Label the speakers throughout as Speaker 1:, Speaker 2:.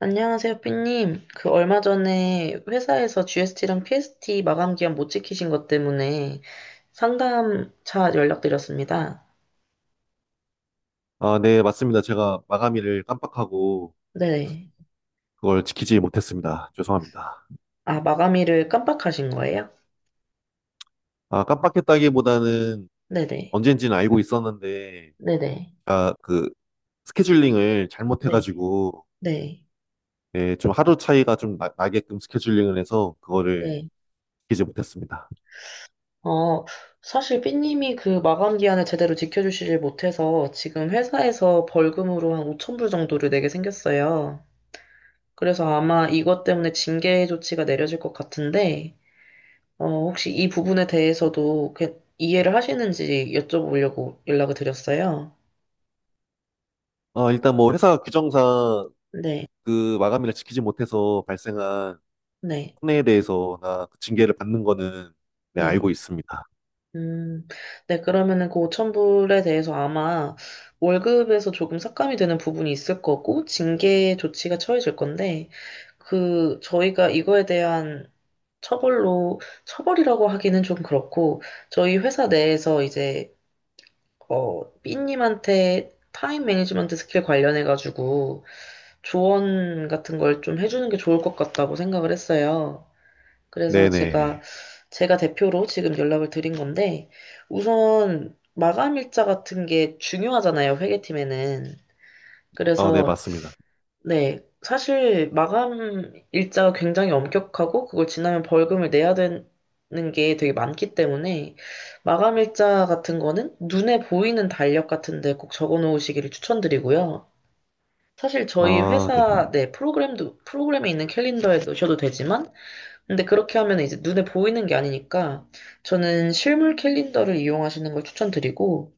Speaker 1: 안녕하세요, 삐님. 그 얼마 전에 회사에서 GST랑 PST 마감 기한 못 지키신 것 때문에 상담차 연락드렸습니다.
Speaker 2: 네, 맞습니다. 제가 마감일을 깜빡하고
Speaker 1: 네.
Speaker 2: 그걸 지키지 못했습니다. 죄송합니다.
Speaker 1: 아, 마감일을 깜빡하신 거예요?
Speaker 2: 깜빡했다기보다는
Speaker 1: 네네.
Speaker 2: 언젠지는 알고 있었는데,
Speaker 1: 네네.
Speaker 2: 아, 그 스케줄링을
Speaker 1: 네.
Speaker 2: 잘못해가지고,
Speaker 1: 네.
Speaker 2: 예, 좀 하루 차이가 나게끔 스케줄링을 해서 그거를
Speaker 1: 네.
Speaker 2: 지키지 못했습니다.
Speaker 1: 어, 사실 삐님이 그 마감 기한을 제대로 지켜주시질 못해서 지금 회사에서 벌금으로 한 5천 불 정도를 내게 생겼어요. 그래서 아마 이것 때문에 징계 조치가 내려질 것 같은데, 어, 혹시 이 부분에 대해서도 이해를 하시는지 여쭤보려고 연락을 드렸어요.
Speaker 2: 일단 뭐 회사 규정상
Speaker 1: 네,
Speaker 2: 그 마감일을 지키지 못해서 발생한
Speaker 1: 네,
Speaker 2: 손해에 대해서나 그 징계를 받는 거는 네,
Speaker 1: 네.
Speaker 2: 알고 있습니다.
Speaker 1: 음, 네, 그러면은 그 5천 불에 대해서 아마 월급에서 조금 삭감이 되는 부분이 있을 거고, 징계 조치가 처해질 건데, 그, 저희가 이거에 대한 처벌로, 처벌이라고 하기는 좀 그렇고, 저희 회사 내에서 이제 어, 삐님한테 타임 매니지먼트 스킬 관련해가지고 조언 같은 걸 좀 해주는 게 좋을 것 같다고 생각을 했어요. 그래서
Speaker 2: 네네.
Speaker 1: 제가, 제가 대표로 지금 연락을 드린 건데, 우선 마감 일자 같은 게 중요하잖아요, 회계팀에는.
Speaker 2: 아, 네,
Speaker 1: 그래서
Speaker 2: 맞습니다.
Speaker 1: 네. 사실 마감 일자가 굉장히 엄격하고 그걸 지나면 벌금을 내야 되는 게 되게 많기 때문에 마감 일자 같은 거는 눈에 보이는 달력 같은데 꼭 적어 놓으시기를 추천드리고요. 사실 저희
Speaker 2: 아, 네.
Speaker 1: 회사 내 프로그램도 프로그램에 있는 캘린더에 넣으셔도 되지만 근데 그렇게 하면 이제 눈에 보이는 게 아니니까 저는 실물 캘린더를 이용하시는 걸 추천드리고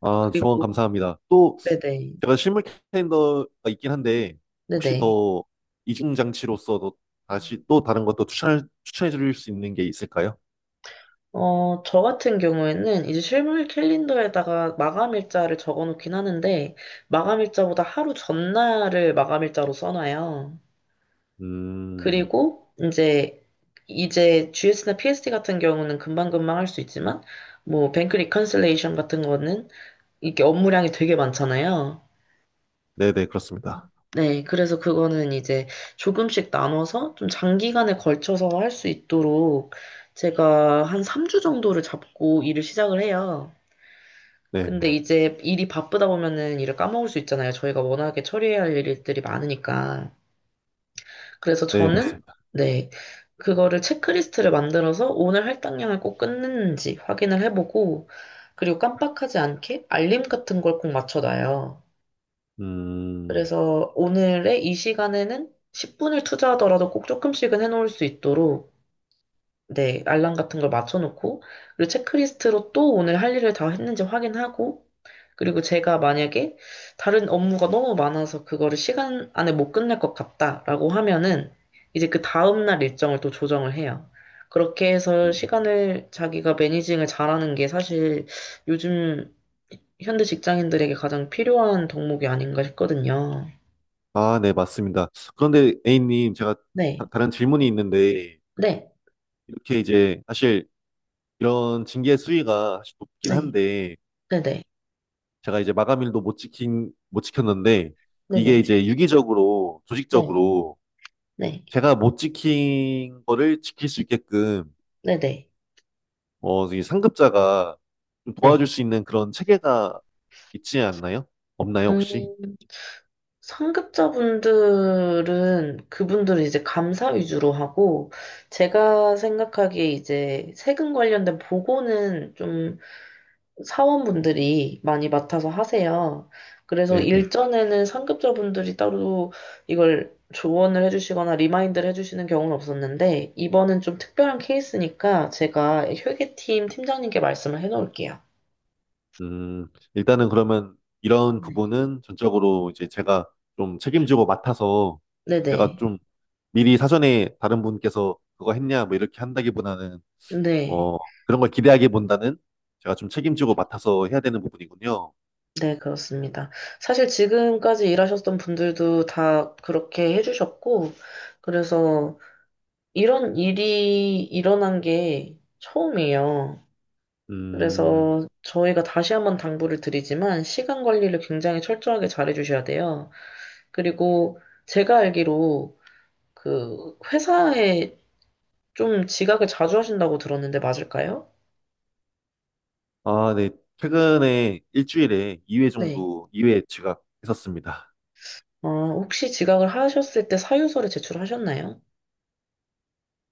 Speaker 2: 조언
Speaker 1: 그리고
Speaker 2: 감사합니다. 또
Speaker 1: 네네
Speaker 2: 제가 실물 캘린더가 있긴 한데 혹시
Speaker 1: 네네
Speaker 2: 더 이중 장치로서도 다시 또 다른 것도 추천해 드릴 수 있는 게 있을까요?
Speaker 1: 어, 저 같은 경우에는 이제 실물 캘린더에다가 마감 일자를 적어 놓긴 하는데, 마감 일자보다 하루 전날을 마감 일자로 써놔요.
Speaker 2: 음,
Speaker 1: 그리고 이제, 이제 GS나 PSD 같은 경우는 금방금방 할 수 있지만, 뭐, 뱅크 리컨실레이션 같은 거는 이게 업무량이 되게 많잖아요.
Speaker 2: 네네 그렇습니다.
Speaker 1: 네, 그래서 그거는 이제 조금씩 나눠서 좀 장기간에 걸쳐서 할 수 있도록 제가 한 3주 정도를 잡고 일을 시작을 해요. 근데
Speaker 2: 네네
Speaker 1: 이제 일이 바쁘다 보면은 일을 까먹을 수 있잖아요. 저희가 워낙에 처리해야 할 일들이 많으니까. 그래서
Speaker 2: 네
Speaker 1: 저는,
Speaker 2: 맞습니다.
Speaker 1: 네, 그거를 체크리스트를 만들어서 오늘 할당량을 꼭 끊는지 확인을 해보고, 그리고 깜빡하지 않게 알림 같은 걸 꼭 맞춰놔요.
Speaker 2: 음,
Speaker 1: 그래서 오늘의 이 시간에는 10분을 투자하더라도 꼭 조금씩은 해놓을 수 있도록 네, 알람 같은 걸 맞춰놓고, 그리고 체크리스트로 또 오늘 할 일을 다 했는지 확인하고, 그리고 제가 만약에 다른 업무가 너무 많아서 그거를 시간 안에 못 끝낼 것 같다라고 하면은, 이제 그 다음날 일정을 또 조정을 해요. 그렇게 해서
Speaker 2: 음.
Speaker 1: 시간을 자기가 매니징을 잘하는 게 사실 요즘 현대 직장인들에게 가장 필요한 덕목이 아닌가 싶거든요.
Speaker 2: 아, 네 맞습니다. 그런데 A님 제가
Speaker 1: 네,
Speaker 2: 다른 질문이 있는데
Speaker 1: 네,
Speaker 2: 이렇게 이제 사실 이런 징계 수위가 사실 높긴
Speaker 1: 네,
Speaker 2: 한데
Speaker 1: 네네,
Speaker 2: 제가 이제 마감일도 못 지킨, 못 지켰는데, 이게
Speaker 1: 네네,
Speaker 2: 이제 유기적으로,
Speaker 1: 네,
Speaker 2: 조직적으로,
Speaker 1: 네,
Speaker 2: 제가 못 지킨 거를 지킬 수 있게끔,
Speaker 1: 네네, 네. 네.
Speaker 2: 이 상급자가 좀 도와줄
Speaker 1: 네.
Speaker 2: 수 있는 그런 체계가 있지 않나요? 없나요, 혹시?
Speaker 1: 음, 상급자분들은 그분들은 이제 감사 위주로 하고 제가 생각하기에 이제 세금 관련된 보고는 좀 사원분들이 많이 맡아서 하세요. 그래서
Speaker 2: 네네.
Speaker 1: 일전에는 상급자분들이 따로 이걸 조언을 해주시거나 리마인드를 해주시는 경우는 없었는데 이번은 좀 특별한 케이스니까 제가 회계팀 팀장님께 말씀을 해놓을게요.
Speaker 2: 음, 일단은 그러면 이런
Speaker 1: 네.
Speaker 2: 부분은 전적으로 이제 제가 좀 책임지고 맡아서, 제가
Speaker 1: 네네.
Speaker 2: 좀 미리 사전에 다른 분께서 그거 했냐, 뭐 이렇게 한다기보다는
Speaker 1: 네.
Speaker 2: 어, 그런 걸 기대하기보다는 제가 좀 책임지고 맡아서 해야 되는 부분이군요.
Speaker 1: 네, 그렇습니다. 사실 지금까지 일하셨던 분들도 다 그렇게 해주셨고, 그래서 이런 일이 일어난 게 처음이에요.
Speaker 2: 음,
Speaker 1: 그래서 저희가 다시 한번 당부를 드리지만, 시간 관리를 굉장히 철저하게 잘 해주셔야 돼요. 그리고 제가 알기로 그 회사에 좀 지각을 자주 하신다고 들었는데 맞을까요?
Speaker 2: 아, 네. 최근에 일주일에 2회
Speaker 1: 네.
Speaker 2: 정도, 2회 지각했었습니다.
Speaker 1: 어, 혹시 지각을 하셨을 때 사유서를 제출하셨나요?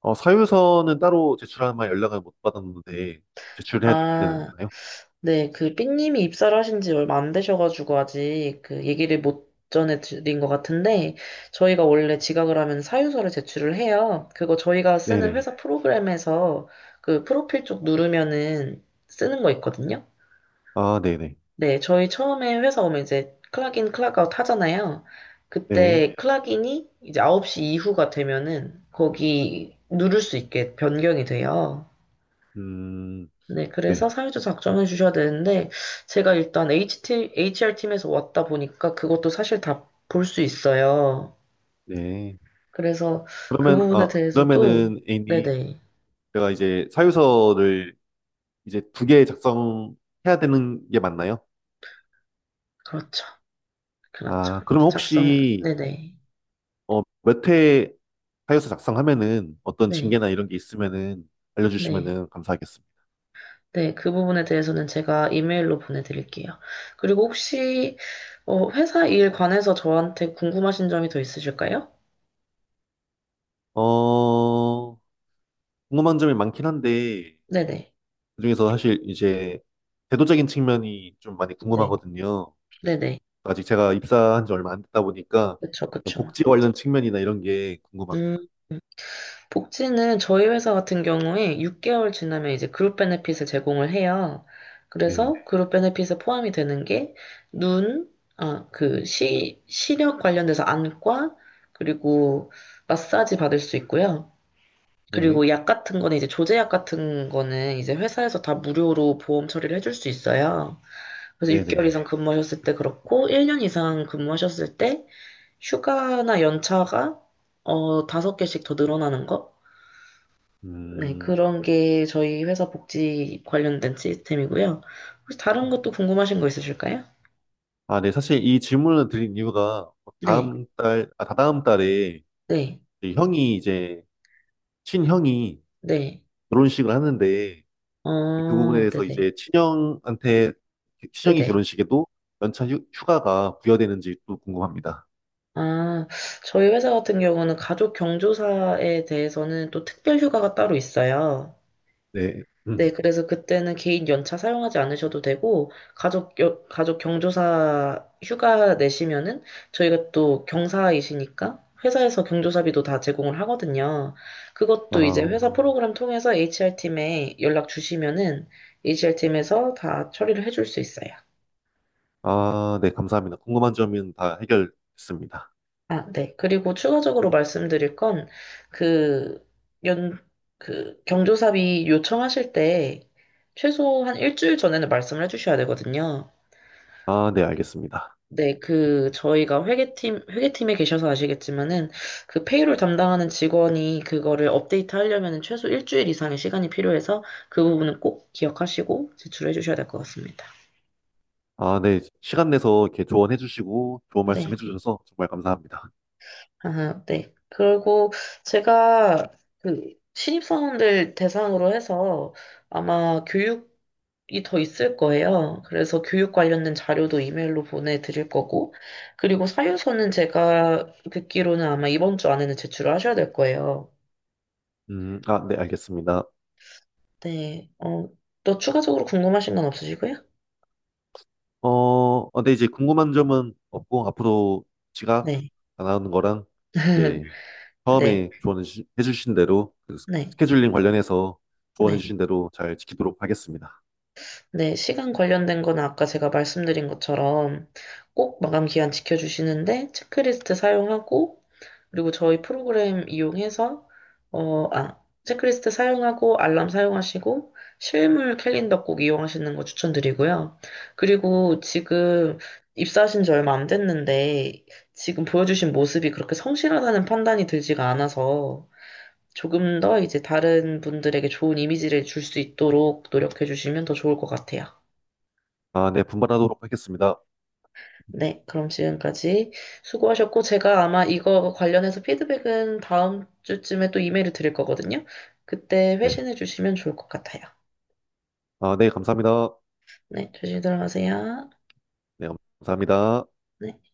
Speaker 2: 사유서는 따로 제출하면 연락을 못 받았는데, 제출해야
Speaker 1: 아,
Speaker 2: 되나요?
Speaker 1: 네, 그 삐님이 입사를 하신 지 얼마 안 되셔가지고 아직 그 얘기를 못 전해드린 것 같은데 저희가 원래 지각을 하면 사유서를 제출을 해요. 그거 저희가 쓰는
Speaker 2: 네네.
Speaker 1: 회사 프로그램에서 그 프로필 쪽 누르면은 쓰는 거 있거든요.
Speaker 2: 아, 네네.
Speaker 1: 네, 저희 처음에 회사 오면 이제 클락인, 클락아웃 하잖아요.
Speaker 2: 네.
Speaker 1: 그때 클락인이 이제 9시 이후가 되면은 거기 누를 수 있게 변경이 돼요.
Speaker 2: 음,
Speaker 1: 네, 그래서
Speaker 2: 네.
Speaker 1: 사유도 작성해 주셔야 되는데, 제가 일단 HR팀에서 왔다 보니까 그것도 사실 다 볼 수 있어요.
Speaker 2: 네.
Speaker 1: 그래서 그
Speaker 2: 그러면,
Speaker 1: 부분에
Speaker 2: 아,
Speaker 1: 대해서도,
Speaker 2: 그러면은, A님,
Speaker 1: 네네,
Speaker 2: 제가 이제 사유서를 이제 두 개 작성해야 되는 게 맞나요?
Speaker 1: 그렇죠. 그렇죠.
Speaker 2: 아, 그러면
Speaker 1: 작성,
Speaker 2: 혹시
Speaker 1: 네네,
Speaker 2: 몇 회 하여서 작성하면은 어떤
Speaker 1: 네,
Speaker 2: 징계나 이런 게 있으면은
Speaker 1: 네.
Speaker 2: 알려주시면은 감사하겠습니다.
Speaker 1: 네, 그 부분에 대해서는 제가 이메일로 보내드릴게요. 그리고 혹시, 어, 회사 일 관해서 저한테 궁금하신 점이 더 있으실까요?
Speaker 2: 어, 궁금한 점이 많긴 한데
Speaker 1: 네네,
Speaker 2: 그중에서 사실 이제 제도적인 측면이 좀 많이
Speaker 1: 네,
Speaker 2: 궁금하거든요.
Speaker 1: 네네,
Speaker 2: 아직 제가 입사한 지 얼마 안 됐다 보니까
Speaker 1: 그쵸, 그쵸.
Speaker 2: 복지 관련 측면이나 이런 게 궁금합니다.
Speaker 1: 음. 복지는 저희 회사 같은 경우에 6개월 지나면 이제 그룹 베네핏을 제공을 해요.
Speaker 2: 네,
Speaker 1: 그래서 그룹 베네핏에 포함이 되는 게 눈, 아, 그 시, 시력 관련돼서 안과, 그리고 마사지 받을 수 있고요.
Speaker 2: 네,
Speaker 1: 그리고 약 같은 거는 이제 조제약 같은 거는 이제 회사에서 다 무료로 보험 처리를 해줄 수 있어요. 그래서
Speaker 2: 네, 네.
Speaker 1: 6개월 이상 근무하셨을 때 그렇고, 1년 이상 근무하셨을 때 휴가나 연차가 어, 다섯 개씩 더 늘어나는 거? 네,
Speaker 2: 음,
Speaker 1: 그런 게 저희 회사 복지 관련된 시스템이고요. 혹시 다른 것도 궁금하신 거 있으실까요?
Speaker 2: 아, 네. 사실 이 질문을 드린 이유가
Speaker 1: 네,
Speaker 2: 다다음 달에
Speaker 1: 네,
Speaker 2: 저희 형이 이제 친형이
Speaker 1: 네.
Speaker 2: 결혼식을 하는데 그 부분에
Speaker 1: 아,
Speaker 2: 대해서
Speaker 1: 네네,
Speaker 2: 이제 친형한테 친형이
Speaker 1: 네네.
Speaker 2: 결혼식에도 휴가가 부여되는지 또 궁금합니다.
Speaker 1: 아, 저희 회사 같은 경우는 가족 경조사에 대해서는 또 특별 휴가가 따로 있어요.
Speaker 2: 네.
Speaker 1: 네,
Speaker 2: 음.
Speaker 1: 그래서 그때는 개인 연차 사용하지 않으셔도 되고, 가족, 가족 경조사 휴가 내시면은, 저희가 또 경사이시니까, 회사에서 경조사비도 다 제공을 하거든요. 그것도 이제
Speaker 2: 아,
Speaker 1: 회사 프로그램 통해서 HR팀에 연락 주시면은, HR팀에서 다 처리를 해줄 수 있어요.
Speaker 2: 아, 네, 감사합니다. 궁금한 점은 다 해결했습니다.
Speaker 1: 아, 네. 그리고 추가적으로 말씀드릴 건, 그, 연, 그, 경조사비 요청하실 때, 최소한 일주일 전에는 말씀을 해주셔야 되거든요.
Speaker 2: 아, 네, 알겠습니다.
Speaker 1: 네, 그, 저희가 회계팀에 계셔서 아시겠지만은, 그 페이롤 담당하는 직원이 그거를 업데이트 하려면은 최소 일주일 이상의 시간이 필요해서 그 부분은 꼭 기억하시고 제출해 주셔야 될 것 같습니다.
Speaker 2: 아, 네, 시간 내서 이렇게 조언해 주시고 좋은 말씀
Speaker 1: 네,
Speaker 2: 해 주셔서 정말 감사합니다.
Speaker 1: 아, 네. 그리고 제가 그 신입사원들 대상으로 해서 아마 교육이 더 있을 거예요. 그래서 교육 관련된 자료도 이메일로 보내드릴 거고, 그리고 사유서는 제가 듣기로는 아마 이번 주 안에는 제출을 하셔야 될 거예요.
Speaker 2: 아, 네, 알겠습니다.
Speaker 1: 네. 어, 또 추가적으로 궁금하신 건 없으시고요?
Speaker 2: 근데 이제 궁금한 점은 없고, 앞으로 지각
Speaker 1: 네.
Speaker 2: 안 하는 거랑, 이제,
Speaker 1: 네.
Speaker 2: 처음에 조언해 주신 대로,
Speaker 1: 네.
Speaker 2: 스케줄링 관련해서 조언해
Speaker 1: 네.
Speaker 2: 주신 대로 잘 지키도록 하겠습니다.
Speaker 1: 네, 시간 관련된 거는 아까 제가 말씀드린 것처럼 꼭 마감 기한 지켜주시는데 체크리스트 사용하고 그리고 저희 프로그램 이용해서 어, 아, 체크리스트 사용하고 알람 사용하시고 실물 캘린더 꼭 이용하시는 거 추천드리고요. 그리고 지금 입사하신 지 얼마 안 됐는데 지금 보여주신 모습이 그렇게 성실하다는 판단이 들지가 않아서 조금 더 이제 다른 분들에게 좋은 이미지를 줄 수 있도록 노력해 주시면 더 좋을 것 같아요.
Speaker 2: 아, 네, 분발하도록 하겠습니다.
Speaker 1: 네, 그럼 지금까지 수고하셨고, 제가 아마 이거 관련해서 피드백은 다음 주쯤에 또 이메일을 드릴 거거든요. 그때
Speaker 2: 네.
Speaker 1: 회신해 주시면 좋을 것 같아요.
Speaker 2: 아, 네, 감사합니다.
Speaker 1: 네, 조심히 들어가세요.
Speaker 2: 네, 감사합니다.
Speaker 1: 네.